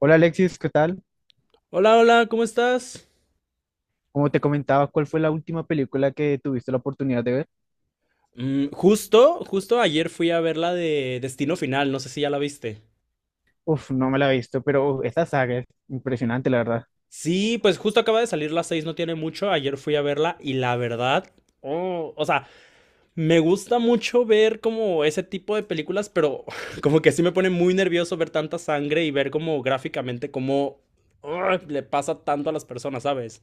Hola Alexis, ¿qué tal? Hola, hola, ¿cómo estás? Como te comentaba, ¿cuál fue la última película que tuviste la oportunidad de ver? Justo, justo ayer fui a ver la de Destino Final, no sé si ya la viste. Uf, no me la he visto, pero uf, esta saga es impresionante, la verdad. Sí, pues justo acaba de salir las seis, no tiene mucho, ayer fui a verla y la verdad, oh, o sea, me gusta mucho ver como ese tipo de películas, pero como que sí me pone muy nervioso ver tanta sangre y ver como gráficamente cómo ah, le pasa tanto a las personas, ¿sabes?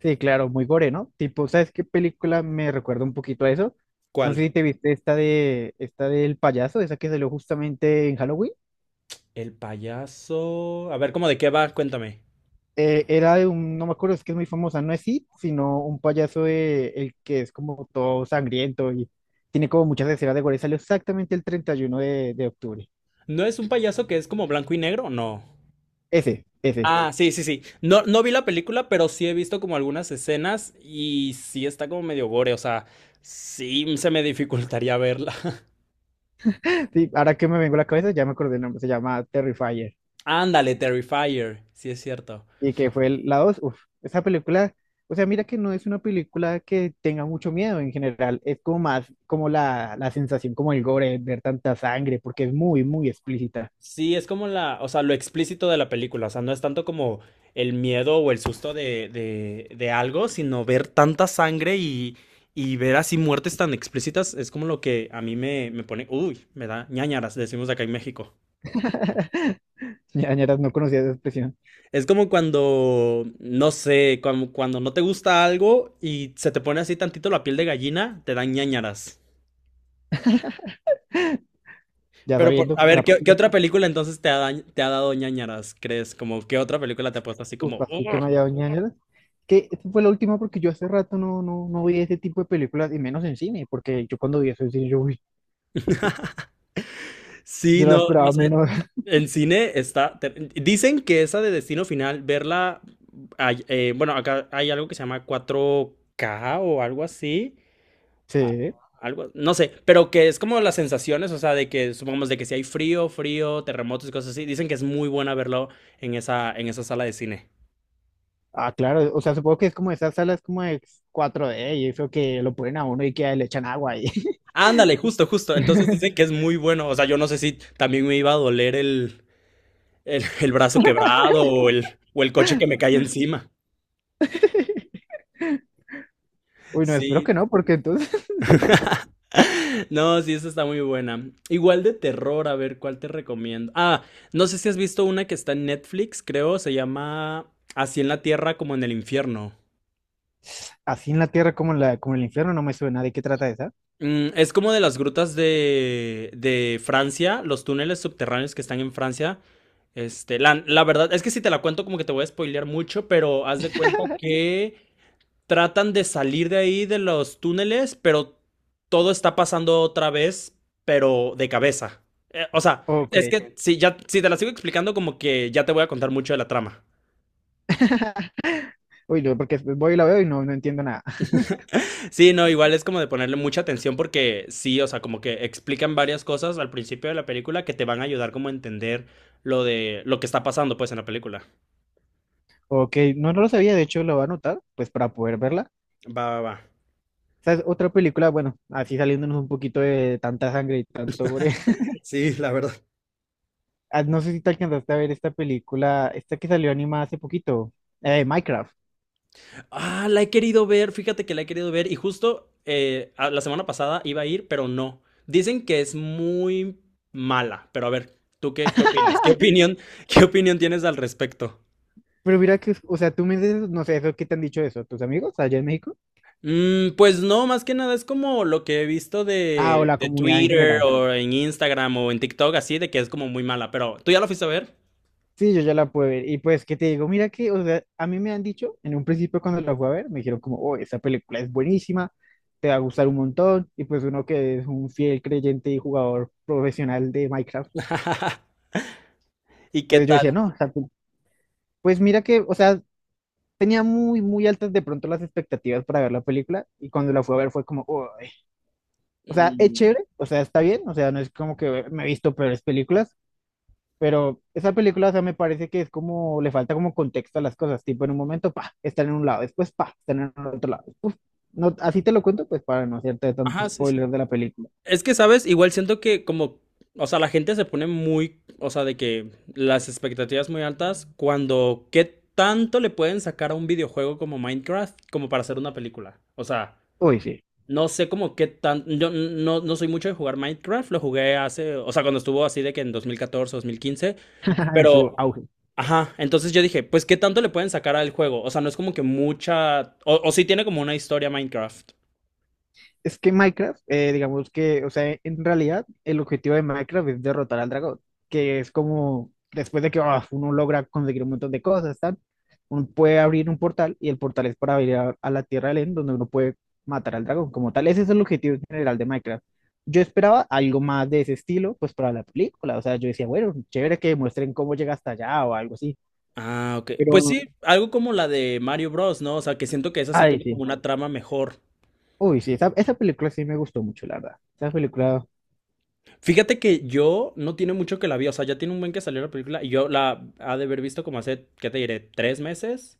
Sí, claro, muy gore, ¿no? Tipo, ¿sabes qué película me recuerda un poquito a eso? No sé ¿Cuál? si te viste esta de esta del payaso, esa que salió justamente en Halloween. El payaso. A ver, ¿cómo de qué va? Cuéntame. Era de un, no me acuerdo, es que es muy famosa, no es It, sino un payaso de- el que es como todo sangriento y tiene como muchas escenas de gore. Salió exactamente el 31 de octubre. ¿No es un payaso que es como blanco y negro? No. Ese, ese. Ah, sí, sí, sí. No, no vi la película, pero sí he visto como algunas escenas y sí está como medio gore, o sea, sí se me dificultaría verla. Sí, ahora que me vengo a la cabeza, ya me acordé el nombre, se llama Terrifier. Ándale, Terrifier, sí es cierto. Y que fue el- la dos, uff, esa película, o sea, mira que no es una película que tenga mucho miedo en general, es como más como la sensación, como el gore, ver tanta sangre, porque es muy, muy explícita. Sí, es como la, o sea, lo explícito de la película, o sea, no es tanto como el miedo o el susto de algo, sino ver tanta sangre y ver así muertes tan explícitas, es como lo que a mí me, me pone, uy, me da ñáñaras, decimos acá en México. Ñañaras, no conocía esa expresión, Es como cuando, no sé, como cuando no te gusta algo y se te pone así tantito la piel de gallina, te dan ñáñaras. ya Pero a sabiendo, a la ver, ¿qué, qué próxima, otra película entonces te ha, te ha dado ñáñaras, crees? Como, ¿qué otra película te ha puesto así uff, como, así que "Oh"? me ha dado ñañaras. Que esa fue la última porque yo hace rato no vi ese tipo de películas, y menos en cine, porque yo cuando vi eso en cine, yo, uy, Sí, yo la no, o esperaba sea, menos. en cine está... Dicen que esa de Destino Final, verla... bueno, acá hay algo que se llama 4K o algo así. a- Sí. algo, no sé, pero que es como las sensaciones, o sea, de que supongamos de que si hay frío, frío, terremotos y cosas así, dicen que es muy buena verlo en esa sala de cine. Ah, claro, o sea, supongo que es como esas salas como de cuatro d y eso que lo ponen a uno y que le echan agua ahí. Ándale, justo, justo. Entonces dicen que es muy bueno. O sea, yo no sé si también me iba a doler el brazo quebrado o el coche que me cae encima. Uy, no, espero Sí. que no, porque entonces No, sí, esa está muy buena. Igual de terror, a ver, ¿cuál te recomiendo? Ah, no sé si has visto una que está en Netflix, creo, se llama Así en la Tierra como en el infierno. así en la tierra como en el infierno no me suena. ¿De qué trata esa? Es como de las grutas de Francia, los túneles subterráneos que están en Francia. Este, la verdad es que si te la cuento como que te voy a spoilear mucho, pero haz de cuenta que tratan de salir de ahí de los túneles, pero todo está pasando otra vez, pero de cabeza. O sea, Ok. es que si ya si te la sigo explicando como que ya te voy a contar mucho de la trama. Uy, no, porque después voy y la veo y no, no entiendo nada. Sí, no, igual es como de ponerle mucha atención porque sí, o sea, como que explican varias cosas al principio de la película que te van a ayudar como a entender lo de lo que está pasando pues en la película. Ok, no, no lo sabía, de hecho lo voy a anotar, pues para poder verla. Va, va, va. ¿Sabes? Otra película, bueno, así saliéndonos un poquito de tanta sangre y tanto gore. Sí, la verdad. Ah, no sé si te alcanzaste a ver esta película, esta que salió animada hace poquito, Minecraft. Ah, la he querido ver, fíjate que la he querido ver y justo la semana pasada iba a ir, pero no. Dicen que es muy mala, pero a ver, ¿tú qué, qué opinas? ¿Qué opinión, qué opinión tienes al respecto? Pero mira que, o sea, tú me dices, no sé, eso, ¿qué te han dicho eso? ¿Tus amigos allá en México? Pues no, más que nada es como lo que he visto Ah, o sí, de, la de comunidad en Twitter general. o en Instagram o en TikTok, así de que es como muy mala, pero ¿tú ya lo fuiste a ver? Sí, yo ya la pude ver. Y pues, ¿qué te digo? Mira que, o sea, a mí me han dicho, en un principio cuando la fui a ver, me dijeron como, oh, esa película es buenísima, te va a gustar un montón. Y pues uno que es un fiel creyente y jugador profesional de Minecraft. ¿Y qué Entonces yo tal? decía, no, o sea, pu- pues mira que, o sea, tenía muy, muy altas de pronto las expectativas para ver la película. Y cuando la fui a ver fue como, oh, o sea, es Mm, chévere, o sea, está bien, o sea, no es como que me he visto peores películas. Pero esa película, o sea, me parece que es como, le falta como contexto a las cosas, tipo en un momento, pa, están en un lado, después, pa, están en el otro lado. Uf, no, así te lo cuento, pues para no hacerte tanto ajá, sí, sí. spoiler de la película. Es que, ¿sabes? Igual siento que como, o sea, la gente se pone muy, o sea, de que las expectativas muy altas cuando, ¿qué tanto le pueden sacar a un videojuego como Minecraft como para hacer una película? O sea... Uy, sí, No sé como qué tan... Yo no, no soy mucho de jugar Minecraft, lo jugué hace, o sea, cuando estuvo así de que en 2014, 2015, en su pero... auge. Ajá, entonces yo dije, pues qué tanto le pueden sacar al juego, o sea, no es como que mucha... O, o sí tiene como una historia Minecraft. Es que Minecraft, digamos que, o sea, en realidad el objetivo de Minecraft es derrotar al dragón, que es como después de que uno logra conseguir un montón de cosas, tal, uno puede abrir un portal y el portal es para ir a la Tierra del End, donde uno puede matar al dragón como tal. Ese es el objetivo general de Minecraft. Yo esperaba algo más de ese estilo, pues para la película, o sea, yo decía, bueno, chévere que muestren cómo llega hasta allá o algo así, Ah, ok. Pues sí, pero, algo como la de Mario Bros, ¿no? O sea, que siento que esa sí ay, tuvo como sí. una trama mejor. Uy, sí, esa película sí me gustó mucho, la verdad. Esa película, Fíjate que yo no tiene mucho que la vi, o sea, ya tiene un buen que salió la película y yo la ha de haber visto como hace, ¿qué te diré? ¿3 meses?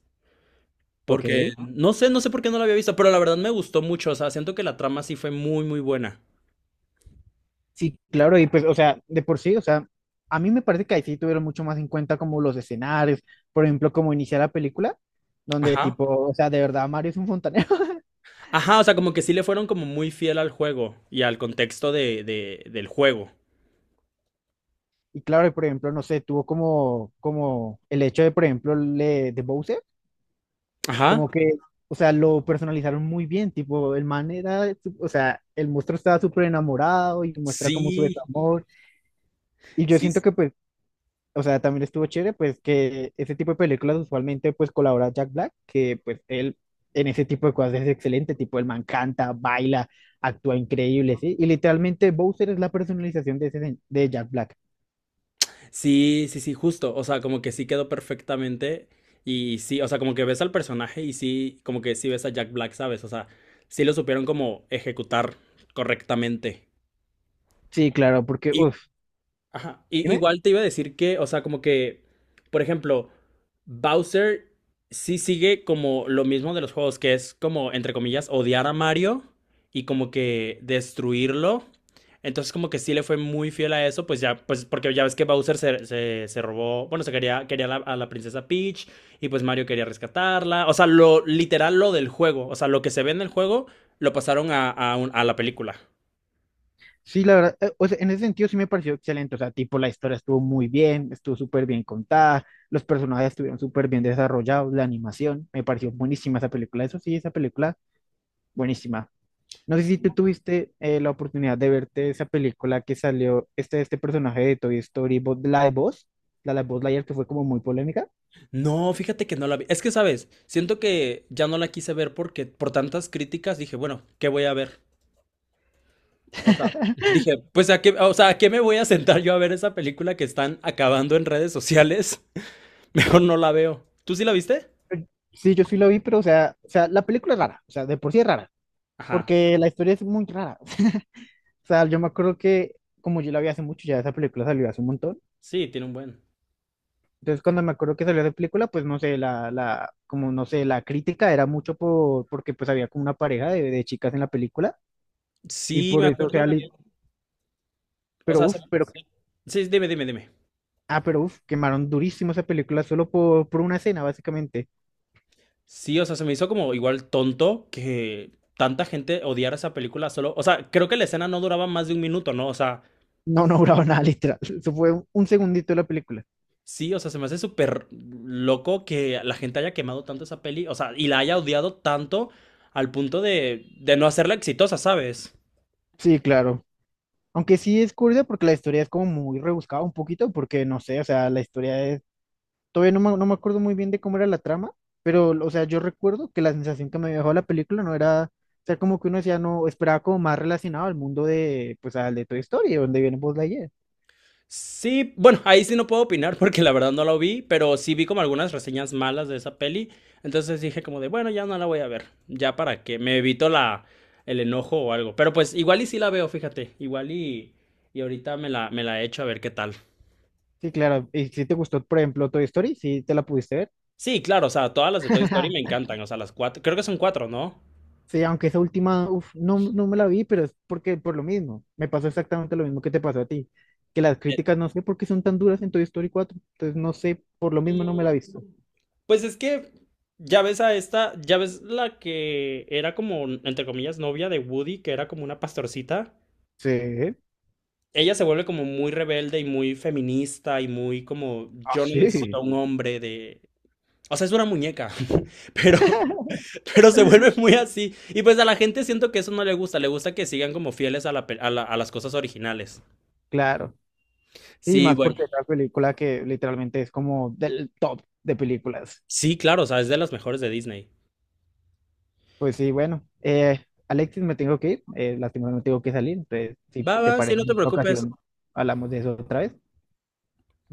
Porque ok. no sé, no sé por qué no la había visto, pero la verdad me gustó mucho. O sea, siento que la trama sí fue muy, muy buena. Sí, claro, y pues, o sea, de por sí, o sea, a mí me parece que ahí sí tuvieron mucho más en cuenta como los escenarios, por ejemplo, como iniciar la película, donde Ajá. tipo, o sea, de verdad Mario es un fontanero. Ajá, o sea, como que sí le fueron como muy fiel al juego y al contexto del juego. Y claro, y por ejemplo, no sé, tuvo como, como el hecho de, por ejemplo, le- de Bowser, Ajá. como que, o sea, lo personalizaron muy bien, tipo, el man era, su- o sea, el monstruo estaba súper enamorado y muestra como su Sí, desamor. Y yo sí, siento que, pues, o sea, también estuvo chévere, pues que ese tipo de películas usualmente pues colabora Jack Black, que pues él en ese tipo de cosas es excelente, tipo el man canta, baila, actúa increíble, ¿sí? Y literalmente Bowser es la personalización de, ese, sen- de Jack Black. sí, sí, sí, justo. O sea, como que sí quedó perfectamente. Y sí, o sea, como que ves al personaje y sí, como que sí ves a Jack Black, ¿sabes? O sea, sí lo supieron como ejecutar correctamente. Sí, claro, porque, uff, Ajá. Dime. Igual te iba a decir que, o sea, como que, por ejemplo, Bowser sí sigue como lo mismo de los juegos, que es como, entre comillas, odiar a Mario y como que destruirlo. Entonces como que sí le fue muy fiel a eso, pues ya, pues porque ya ves que Bowser se robó, bueno, se quería a la princesa Peach y pues Mario quería rescatarla. O sea, lo literal, lo del juego, o sea, lo que se ve en el juego, lo pasaron a la película. Sí, la verdad, o sea, en ese sentido sí me pareció excelente, o sea, tipo la historia estuvo muy bien, estuvo súper bien contada, los personajes estuvieron súper bien desarrollados, la animación, me pareció buenísima esa película, eso sí, esa película, buenísima. No sé si tú tuviste la oportunidad de verte esa película que salió, este personaje de Toy Story, Buzz- la de Buzz, la de Buzz Lightyear que fue como muy polémica. No, fíjate que no la vi. Es que, ¿sabes? Siento que ya no la quise ver porque por tantas críticas dije, bueno, ¿qué voy a ver? O sea, dije, pues a qué, o sea, ¿a qué me voy a sentar yo a ver esa película que están acabando en redes sociales? Mejor no la veo. ¿Tú sí la viste? Sí, yo sí la vi, pero o sea, la película es rara, o sea, de por sí es rara, Ajá. porque la historia es muy rara. O sea, yo me acuerdo que como yo la vi hace mucho, ya esa película salió hace un montón. Sí, tiene un buen. Entonces, cuando me acuerdo que salió esa película, pues no sé, como no sé, la crítica era mucho por, porque pues había como una pareja de chicas en la película y Sí, por me eso, o acuerdo sea, bien. li- O pero sea, uff, pero sí, dime, dime, dime. ah, pero uf, quemaron durísimo esa película solo por una escena, básicamente. Sí, o sea, se me hizo como igual tonto que tanta gente odiara esa película solo. O sea, creo que la escena no duraba más de 1 minuto, ¿no? O sea, No, no duraba nada, literal. Eso fue un segundito de la película. sí, o sea, se me hace súper loco que la gente haya quemado tanto esa peli, o sea, y la haya odiado tanto al punto de no hacerla exitosa, ¿sabes? Sí, claro. Aunque sí es curiosa porque la historia es como muy rebuscada un poquito, porque no sé, o sea, la historia es… Todavía no me acuerdo muy bien de cómo era la trama, pero, o sea, yo recuerdo que la sensación que me dejó la película no era… O sea, como que uno decía, no, esperaba como más relacionado al mundo de, pues, al de Toy Story, donde viene Buzz Lightyear. Sí, bueno, ahí sí no puedo opinar porque la verdad no la vi, pero sí vi como algunas reseñas malas de esa peli, entonces dije como de, bueno, ya no la voy a ver, ya para que me evito el enojo o algo, pero pues igual y sí la veo, fíjate, igual y ahorita me la echo a ver qué tal. Sí, claro. Y si te gustó, por ejemplo, Toy Story, sí te la pudiste ver. Sí, claro, o sea, todas las de Toy Story me encantan, o sea, las cuatro, creo que son cuatro, ¿no? Sí, aunque esa última, uf, no me la vi, pero es porque por lo mismo. Me pasó exactamente lo mismo que te pasó a ti. Que las críticas no sé por qué son tan duras en Toy Story 4. Entonces no sé, por lo mismo no me la he visto. Mm, pues es que ya ves a esta, ya ves la que era como, entre comillas, novia de Woody, que era como una pastorcita. Sí. Ella se vuelve como muy rebelde y muy feminista y muy como, Ah, yo no necesito a sí. un hombre de... O sea, es una muñeca, pero, pero se vuelve muy así. Y pues a la gente siento que eso no le gusta, le gusta que sigan como fieles a la, a las cosas originales. Claro. Sí, Sí, más bueno. porque es la película que literalmente es como del top de películas. Sí, claro, o sea, es de las mejores de Disney. Pues sí, bueno. Alexis, me tengo que ir. Lastimosamente tengo que salir. Entonces, si Va, va, te sí, parece no en te otra preocupes. ocasión, hablamos de eso otra vez.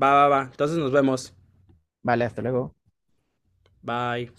Va, va, va. Entonces nos vemos. Vale, hasta luego. Bye.